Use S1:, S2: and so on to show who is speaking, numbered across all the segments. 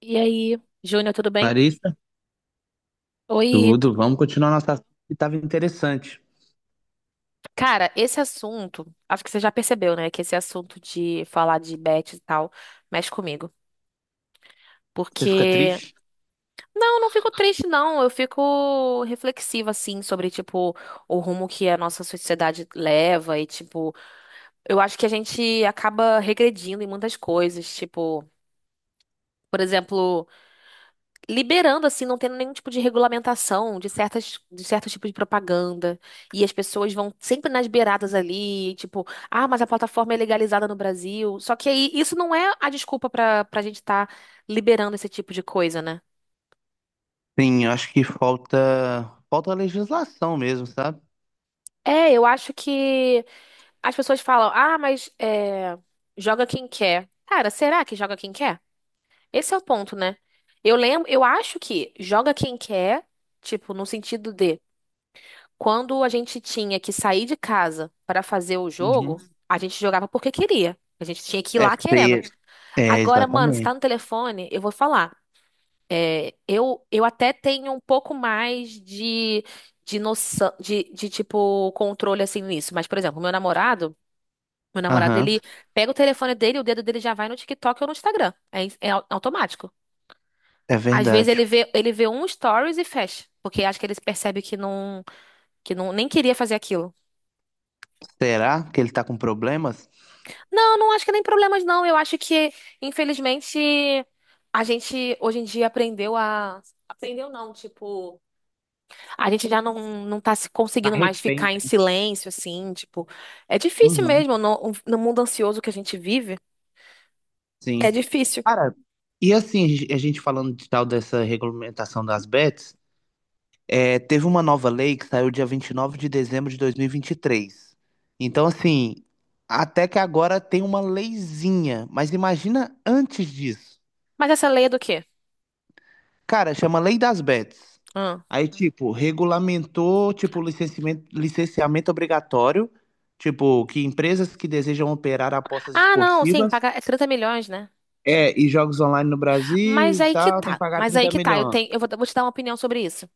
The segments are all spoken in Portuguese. S1: E aí, Júnior, tudo bem?
S2: Clarissa,
S1: Oi,
S2: tudo. Vamos continuar nossa assunto que estava interessante.
S1: cara, esse assunto, acho que você já percebeu, né, que esse assunto de falar de bet e tal mexe comigo.
S2: Você fica
S1: Porque,
S2: triste?
S1: não, não fico triste, não. Eu fico reflexiva, assim, sobre, tipo, o rumo que a nossa sociedade leva. E, tipo, eu acho que a gente acaba regredindo em muitas coisas. Tipo, por exemplo. Liberando assim, não tendo nenhum tipo de regulamentação de certos tipos de propaganda. E as pessoas vão sempre nas beiradas ali, tipo, ah, mas a plataforma é legalizada no Brasil. Só que aí isso não é a desculpa pra para gente estar liberando esse tipo de coisa, né?
S2: Sim, eu acho que falta legislação mesmo, sabe?
S1: É, eu acho que as pessoas falam, ah, mas é, joga quem quer. Cara, será que joga quem quer? Esse é o ponto, né? Eu lembro, eu acho que joga quem quer, tipo, no sentido de quando a gente tinha que sair de casa para fazer o
S2: Uhum.
S1: jogo, a gente jogava porque queria. A gente tinha que ir
S2: É,
S1: lá querendo.
S2: é
S1: Agora, mano, você tá
S2: exatamente.
S1: no telefone, eu vou falar. É, eu até tenho um pouco mais de noção, de tipo, controle assim nisso. Mas, por exemplo, meu namorado,
S2: Aham,
S1: ele pega o telefone dele, o dedo dele já vai no TikTok ou no Instagram. É, é automático.
S2: é
S1: Às vezes
S2: verdade.
S1: ele vê um stories e fecha, porque acho que ele percebe que não, nem queria fazer aquilo.
S2: Será que ele tá com problemas?
S1: Não, não acho que é nem problemas, não. Eu acho que, infelizmente, a gente hoje em dia aprendeu a. Aprendeu não, tipo. A gente já não, não tá se
S2: Tá
S1: conseguindo mais
S2: refém,
S1: ficar em
S2: né?
S1: silêncio, assim, tipo. É difícil
S2: Uhum,
S1: mesmo, no, no mundo ansioso que a gente vive,
S2: sim.
S1: é difícil.
S2: Cara, e assim, a gente falando de tal dessa regulamentação das bets. É, teve uma nova lei que saiu dia 29 de dezembro de dois mil e vinte e três. Então, assim, até que agora tem uma leizinha, mas imagina antes disso.
S1: Mas essa lei é do quê?
S2: Cara, chama Lei das Bets.
S1: Hum.
S2: Aí, tipo, regulamentou, tipo, licenciamento obrigatório, tipo, que empresas que desejam operar apostas
S1: Ah, não, sim,
S2: esportivas
S1: paga é 30 milhões, né?
S2: é, e jogos online no Brasil e tal, tem que pagar
S1: Mas aí
S2: 30
S1: que tá. Eu
S2: milhões.
S1: tenho, vou te dar uma opinião sobre isso.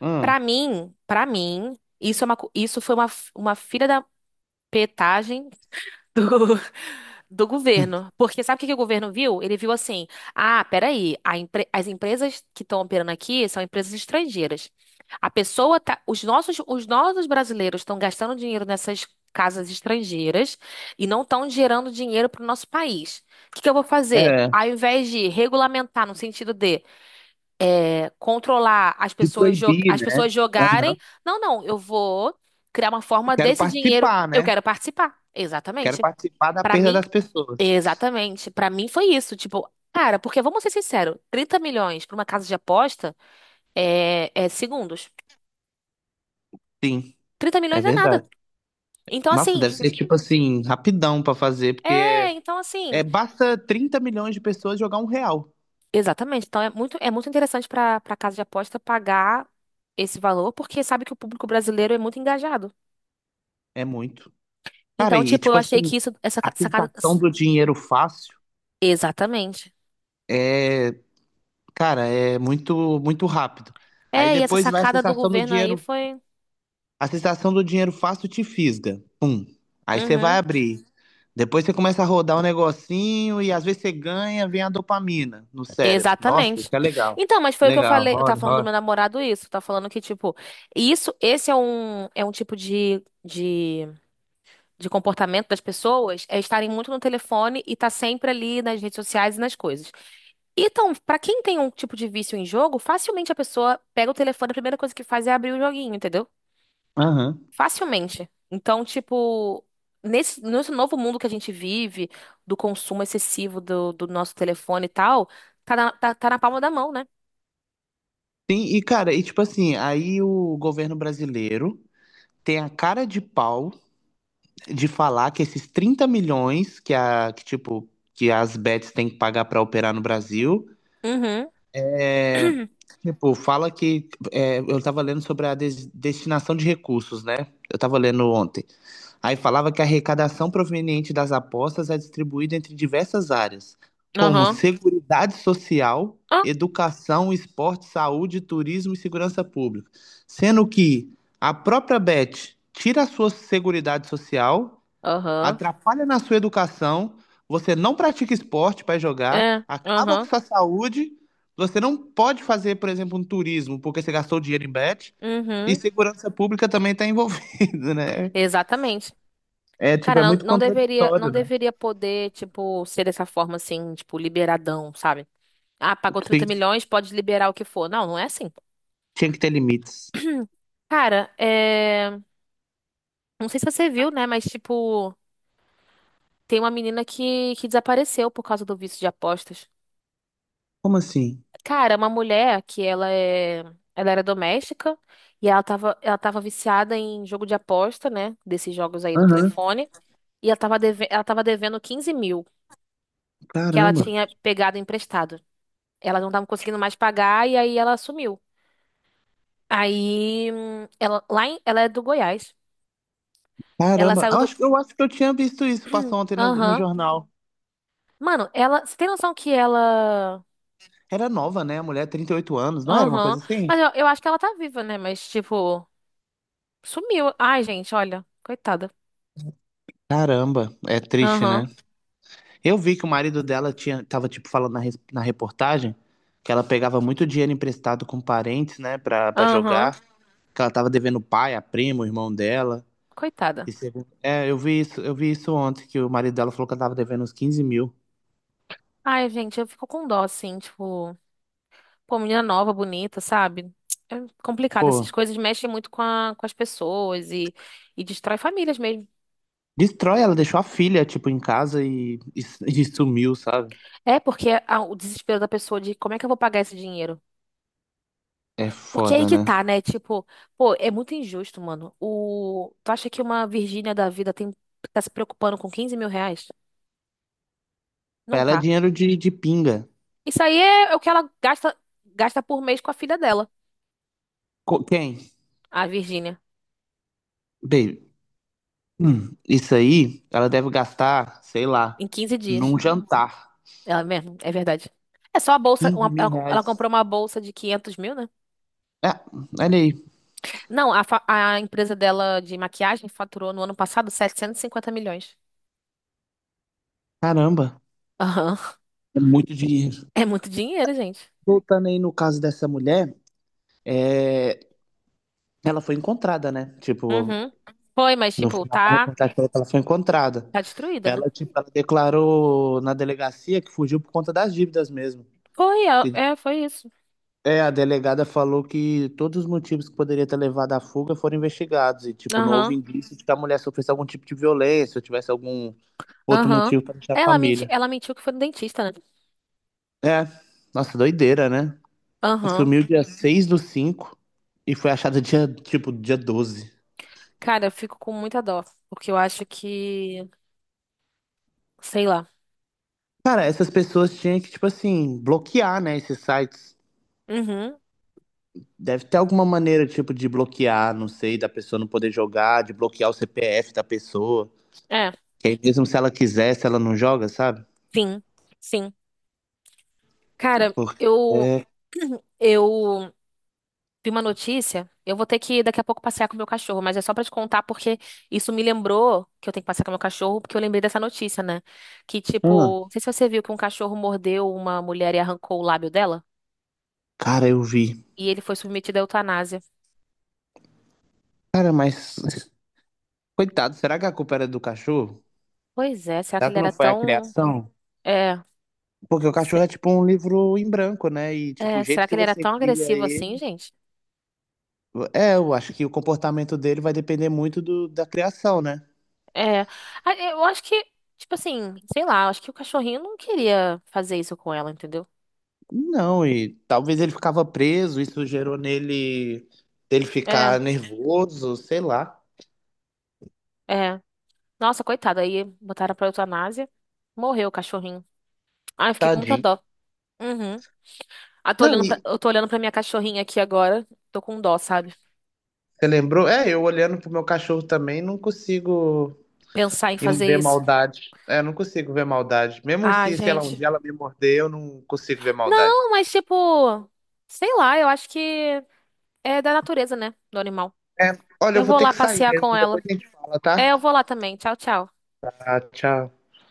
S2: Hum,
S1: Pra mim, isso é uma, isso foi uma, uma filha da petagem do, do governo. Porque sabe o que, que o governo viu? Ele viu assim: ah, peraí, a as empresas que estão operando aqui são empresas estrangeiras. A pessoa tá, os nossos brasileiros estão gastando dinheiro nessas casas estrangeiras e não estão gerando dinheiro para o nosso país. O que que eu vou fazer?
S2: é,
S1: Ao invés de regulamentar no sentido de controlar as
S2: de
S1: pessoas,
S2: proibir,
S1: as
S2: né?
S1: pessoas jogarem.
S2: Aham.
S1: Não, não, eu vou criar uma forma
S2: Quero
S1: desse dinheiro,
S2: participar,
S1: eu
S2: né?
S1: quero participar.
S2: Quero
S1: Exatamente.
S2: participar da
S1: Pra
S2: perda
S1: mim,
S2: das pessoas.
S1: exatamente. Pra mim foi isso, tipo, cara, porque vamos ser sinceros, 30 milhões pra uma casa de aposta é, é segundos.
S2: Sim,
S1: Trinta
S2: é
S1: milhões é nada.
S2: verdade.
S1: Então
S2: Nossa,
S1: assim,
S2: deve
S1: tipo,
S2: ser tipo assim, rapidão pra fazer,
S1: é,
S2: porque
S1: então
S2: é,
S1: assim,
S2: basta 30 milhões de pessoas jogar um real.
S1: exatamente. Então é muito interessante pra para casa de aposta pagar esse valor, porque sabe que o público brasileiro é muito engajado.
S2: É muito. Cara,
S1: Então,
S2: e
S1: tipo, eu
S2: tipo
S1: achei
S2: assim,
S1: que isso, essa
S2: a
S1: sacada,
S2: sensação do dinheiro fácil
S1: exatamente.
S2: é, cara, é muito muito rápido. Aí
S1: É, e essa
S2: depois vai a
S1: sacada do
S2: sensação do
S1: governo aí
S2: dinheiro,
S1: foi.
S2: a sensação do dinheiro fácil te fisga. Aí você vai
S1: Uhum.
S2: abrir. Depois você começa a rodar um negocinho e às vezes você ganha, vem a dopamina no cérebro. Nossa, isso
S1: Exatamente.
S2: é legal.
S1: Então, mas foi o que eu
S2: Legal,
S1: falei. Eu tava
S2: roda,
S1: falando do meu
S2: roda.
S1: namorado isso. Tá falando que, tipo, isso, esse é um tipo de comportamento das pessoas, é estarem muito no telefone e tá sempre ali nas redes sociais e nas coisas. Então, pra quem tem um tipo de vício em jogo, facilmente a pessoa pega o telefone, a primeira coisa que faz é abrir o joguinho, entendeu?
S2: Aham.
S1: Facilmente. Então, tipo, nesse novo mundo que a gente vive, do consumo excessivo do, do nosso telefone e tal, tá na palma da mão, né?
S2: Sim, e cara, e tipo assim, aí o governo brasileiro tem a cara de pau de falar que esses 30 milhões que a que tipo que as bets têm que pagar pra operar no Brasil,
S1: Uhum.
S2: é, tipo, fala que é, eu tava lendo sobre a destinação de recursos, né? Eu tava lendo ontem. Aí falava que a arrecadação proveniente das apostas é distribuída entre diversas áreas, como
S1: Aham.
S2: seguridade social,
S1: Ah,
S2: educação, esporte, saúde, turismo e segurança pública, sendo que a própria Bet tira a sua seguridade social,
S1: aham.
S2: atrapalha na sua educação, você não pratica esporte para jogar,
S1: É.
S2: acaba com
S1: Aham.
S2: sua saúde, você não pode fazer, por exemplo, um turismo porque você gastou dinheiro em Bet. E
S1: Uhum.
S2: segurança pública também está envolvida, né?
S1: Exatamente.
S2: É, tipo,
S1: Cara,
S2: é
S1: não,
S2: muito contraditório,
S1: não
S2: né?
S1: deveria poder, tipo, ser dessa forma assim, tipo, liberadão, sabe? Ah, pagou 30
S2: Tem,
S1: milhões, pode liberar o que for. Não, não é assim.
S2: tinha que ter limites.
S1: Cara, é... não sei se você viu, né? Mas, tipo. Tem uma menina que desapareceu por causa do vício de apostas.
S2: Como assim?
S1: Cara, é uma mulher que ela é, ela era doméstica e ela tava viciada em jogo de aposta, né? Desses jogos aí do
S2: Aham,
S1: telefone. E ela tava, deve, ela tava devendo 15 mil que ela
S2: caramba.
S1: tinha pegado emprestado. Ela não tava conseguindo mais pagar e aí ela sumiu. Aí, ela, ela é do Goiás. Ela
S2: Caramba,
S1: saiu do.
S2: eu acho que eu tinha visto isso, passou ontem no
S1: Aham.
S2: jornal.
S1: Mano, ela. Você tem noção que ela.
S2: Era nova, né? A mulher, 38 anos, não era uma
S1: Aham.
S2: coisa assim?
S1: Mas eu acho que ela tá viva, né? Mas, tipo. Sumiu. Ai, gente, olha. Coitada.
S2: Caramba, é triste,
S1: Aham,
S2: né? Eu vi que o marido dela tinha, tava, tipo, falando na, na reportagem que ela pegava muito dinheiro emprestado com parentes, né, pra
S1: aham.
S2: jogar, que ela tava devendo o pai, a prima, o irmão dela. E
S1: Coitada.
S2: segundo... É, eu vi isso ontem, que o marido dela falou que ela tava devendo uns 15 mil.
S1: Ai, gente, eu fico com dó, assim, tipo... Pô, menina nova, bonita, sabe? É complicado. Essas
S2: Pô.
S1: coisas mexem muito com, com as pessoas e destrói famílias mesmo.
S2: Destrói, ela deixou a filha, tipo, em casa e sumiu, sabe?
S1: É, porque o desespero da pessoa de como é que eu vou pagar esse dinheiro?
S2: É
S1: Porque é aí
S2: foda,
S1: que
S2: né?
S1: tá, né? Tipo, pô, é muito injusto, mano. O, tu acha que uma Virgínia da vida tem, tá se preocupando com 15 mil reais?
S2: Pra
S1: Não
S2: ela é
S1: tá.
S2: dinheiro de pinga.
S1: Isso aí é, é o que ela gasta por mês com a filha dela.
S2: Quem?
S1: A Virgínia.
S2: Baby, isso aí ela deve gastar, sei lá,
S1: Em 15 dias.
S2: num jantar.
S1: Ela mesmo, é verdade. É só a bolsa.
S2: quinze mil
S1: Ela, ela
S2: reais.
S1: comprou uma bolsa de 500 mil, né?
S2: É, olha aí.
S1: Não, a, a empresa dela de maquiagem faturou no ano passado 750 milhões.
S2: Caramba,
S1: Aham.
S2: é muito dinheiro.
S1: É muito dinheiro, gente.
S2: Voltando aí no caso dessa mulher, é, ela foi encontrada, né? Tipo,
S1: Uhum. Foi, mas,
S2: no
S1: tipo,
S2: final da
S1: tá,
S2: reportagem falou que ela foi encontrada.
S1: tá destruída, né?
S2: Ela, tipo, ela declarou na delegacia que fugiu por conta das dívidas mesmo.
S1: Foi, é,
S2: Que.
S1: é, foi isso.
S2: É, a delegada falou que todos os motivos que poderia ter levado à fuga foram investigados e, tipo, não houve
S1: Aham.
S2: indício de que a mulher sofresse algum tipo de violência ou tivesse algum outro
S1: Aham.
S2: motivo para deixar a família.
S1: Ela mentiu que foi no dentista, né?
S2: É, nossa, doideira, né?
S1: Aham.
S2: Sumiu dia 6/5 e foi achada dia, tipo, dia 12.
S1: Cara, eu fico com muita dó. Porque eu acho que. Sei lá.
S2: Cara, essas pessoas tinham que, tipo assim, bloquear, né, esses sites.
S1: Uhum.
S2: Deve ter alguma maneira, tipo, de bloquear, não sei, da pessoa não poder jogar, de bloquear o CPF da pessoa.
S1: É.
S2: Que aí mesmo se ela quisesse, ela não joga, sabe?
S1: Sim. Sim. Cara,
S2: Porque,
S1: eu
S2: é,
S1: eu vi uma notícia. Eu vou ter que daqui a pouco passear com o meu cachorro, mas é só pra te contar porque isso me lembrou que eu tenho que passear com o meu cachorro, porque eu lembrei dessa notícia, né? Que
S2: ah,
S1: tipo, não sei se você viu que um cachorro mordeu uma mulher e arrancou o lábio dela,
S2: cara, eu vi.
S1: e ele foi submetido à eutanásia.
S2: Cara, mas, coitado, será que a culpa era do cachorro?
S1: Pois é, será que
S2: Será
S1: ele
S2: que não
S1: era
S2: foi a
S1: tão
S2: criação?
S1: é,
S2: Porque o
S1: se-
S2: cachorro é tipo um livro em branco, né? E, tipo, o jeito
S1: será que
S2: que
S1: ele era
S2: você
S1: tão
S2: cria
S1: agressivo assim,
S2: ele.
S1: gente?
S2: É, eu acho que o comportamento dele vai depender muito do, da criação, né?
S1: É, eu acho que tipo assim, sei lá, eu acho que o cachorrinho não queria fazer isso com ela, entendeu?
S2: Não, e talvez ele ficava preso, isso gerou nele ele
S1: É,
S2: ficar nervoso, sei lá.
S1: é. Nossa, coitada, aí botaram pra eutanásia. Morreu o cachorrinho. Ai, eu fiquei com muita
S2: Tadinho.
S1: dó. Uhum. Ah,
S2: Não, e
S1: eu tô olhando pra minha cachorrinha aqui agora. Tô com dó, sabe?
S2: você lembrou? É, eu olhando pro meu cachorro também, não consigo.
S1: Pensar em
S2: E
S1: fazer
S2: ver
S1: isso.
S2: maldade. É, eu não consigo ver maldade. Mesmo
S1: Ah,
S2: se, sei lá, um
S1: gente.
S2: dia ela me morder, eu não consigo ver maldade.
S1: Não, mas tipo, sei lá, eu acho que é da natureza, né? Do animal.
S2: É, olha, eu
S1: Eu
S2: vou
S1: vou
S2: ter
S1: lá
S2: que sair
S1: passear com
S2: mesmo. Depois
S1: ela.
S2: a gente fala, tá?
S1: É, eu vou lá também. Tchau, tchau.
S2: Ah, tchau.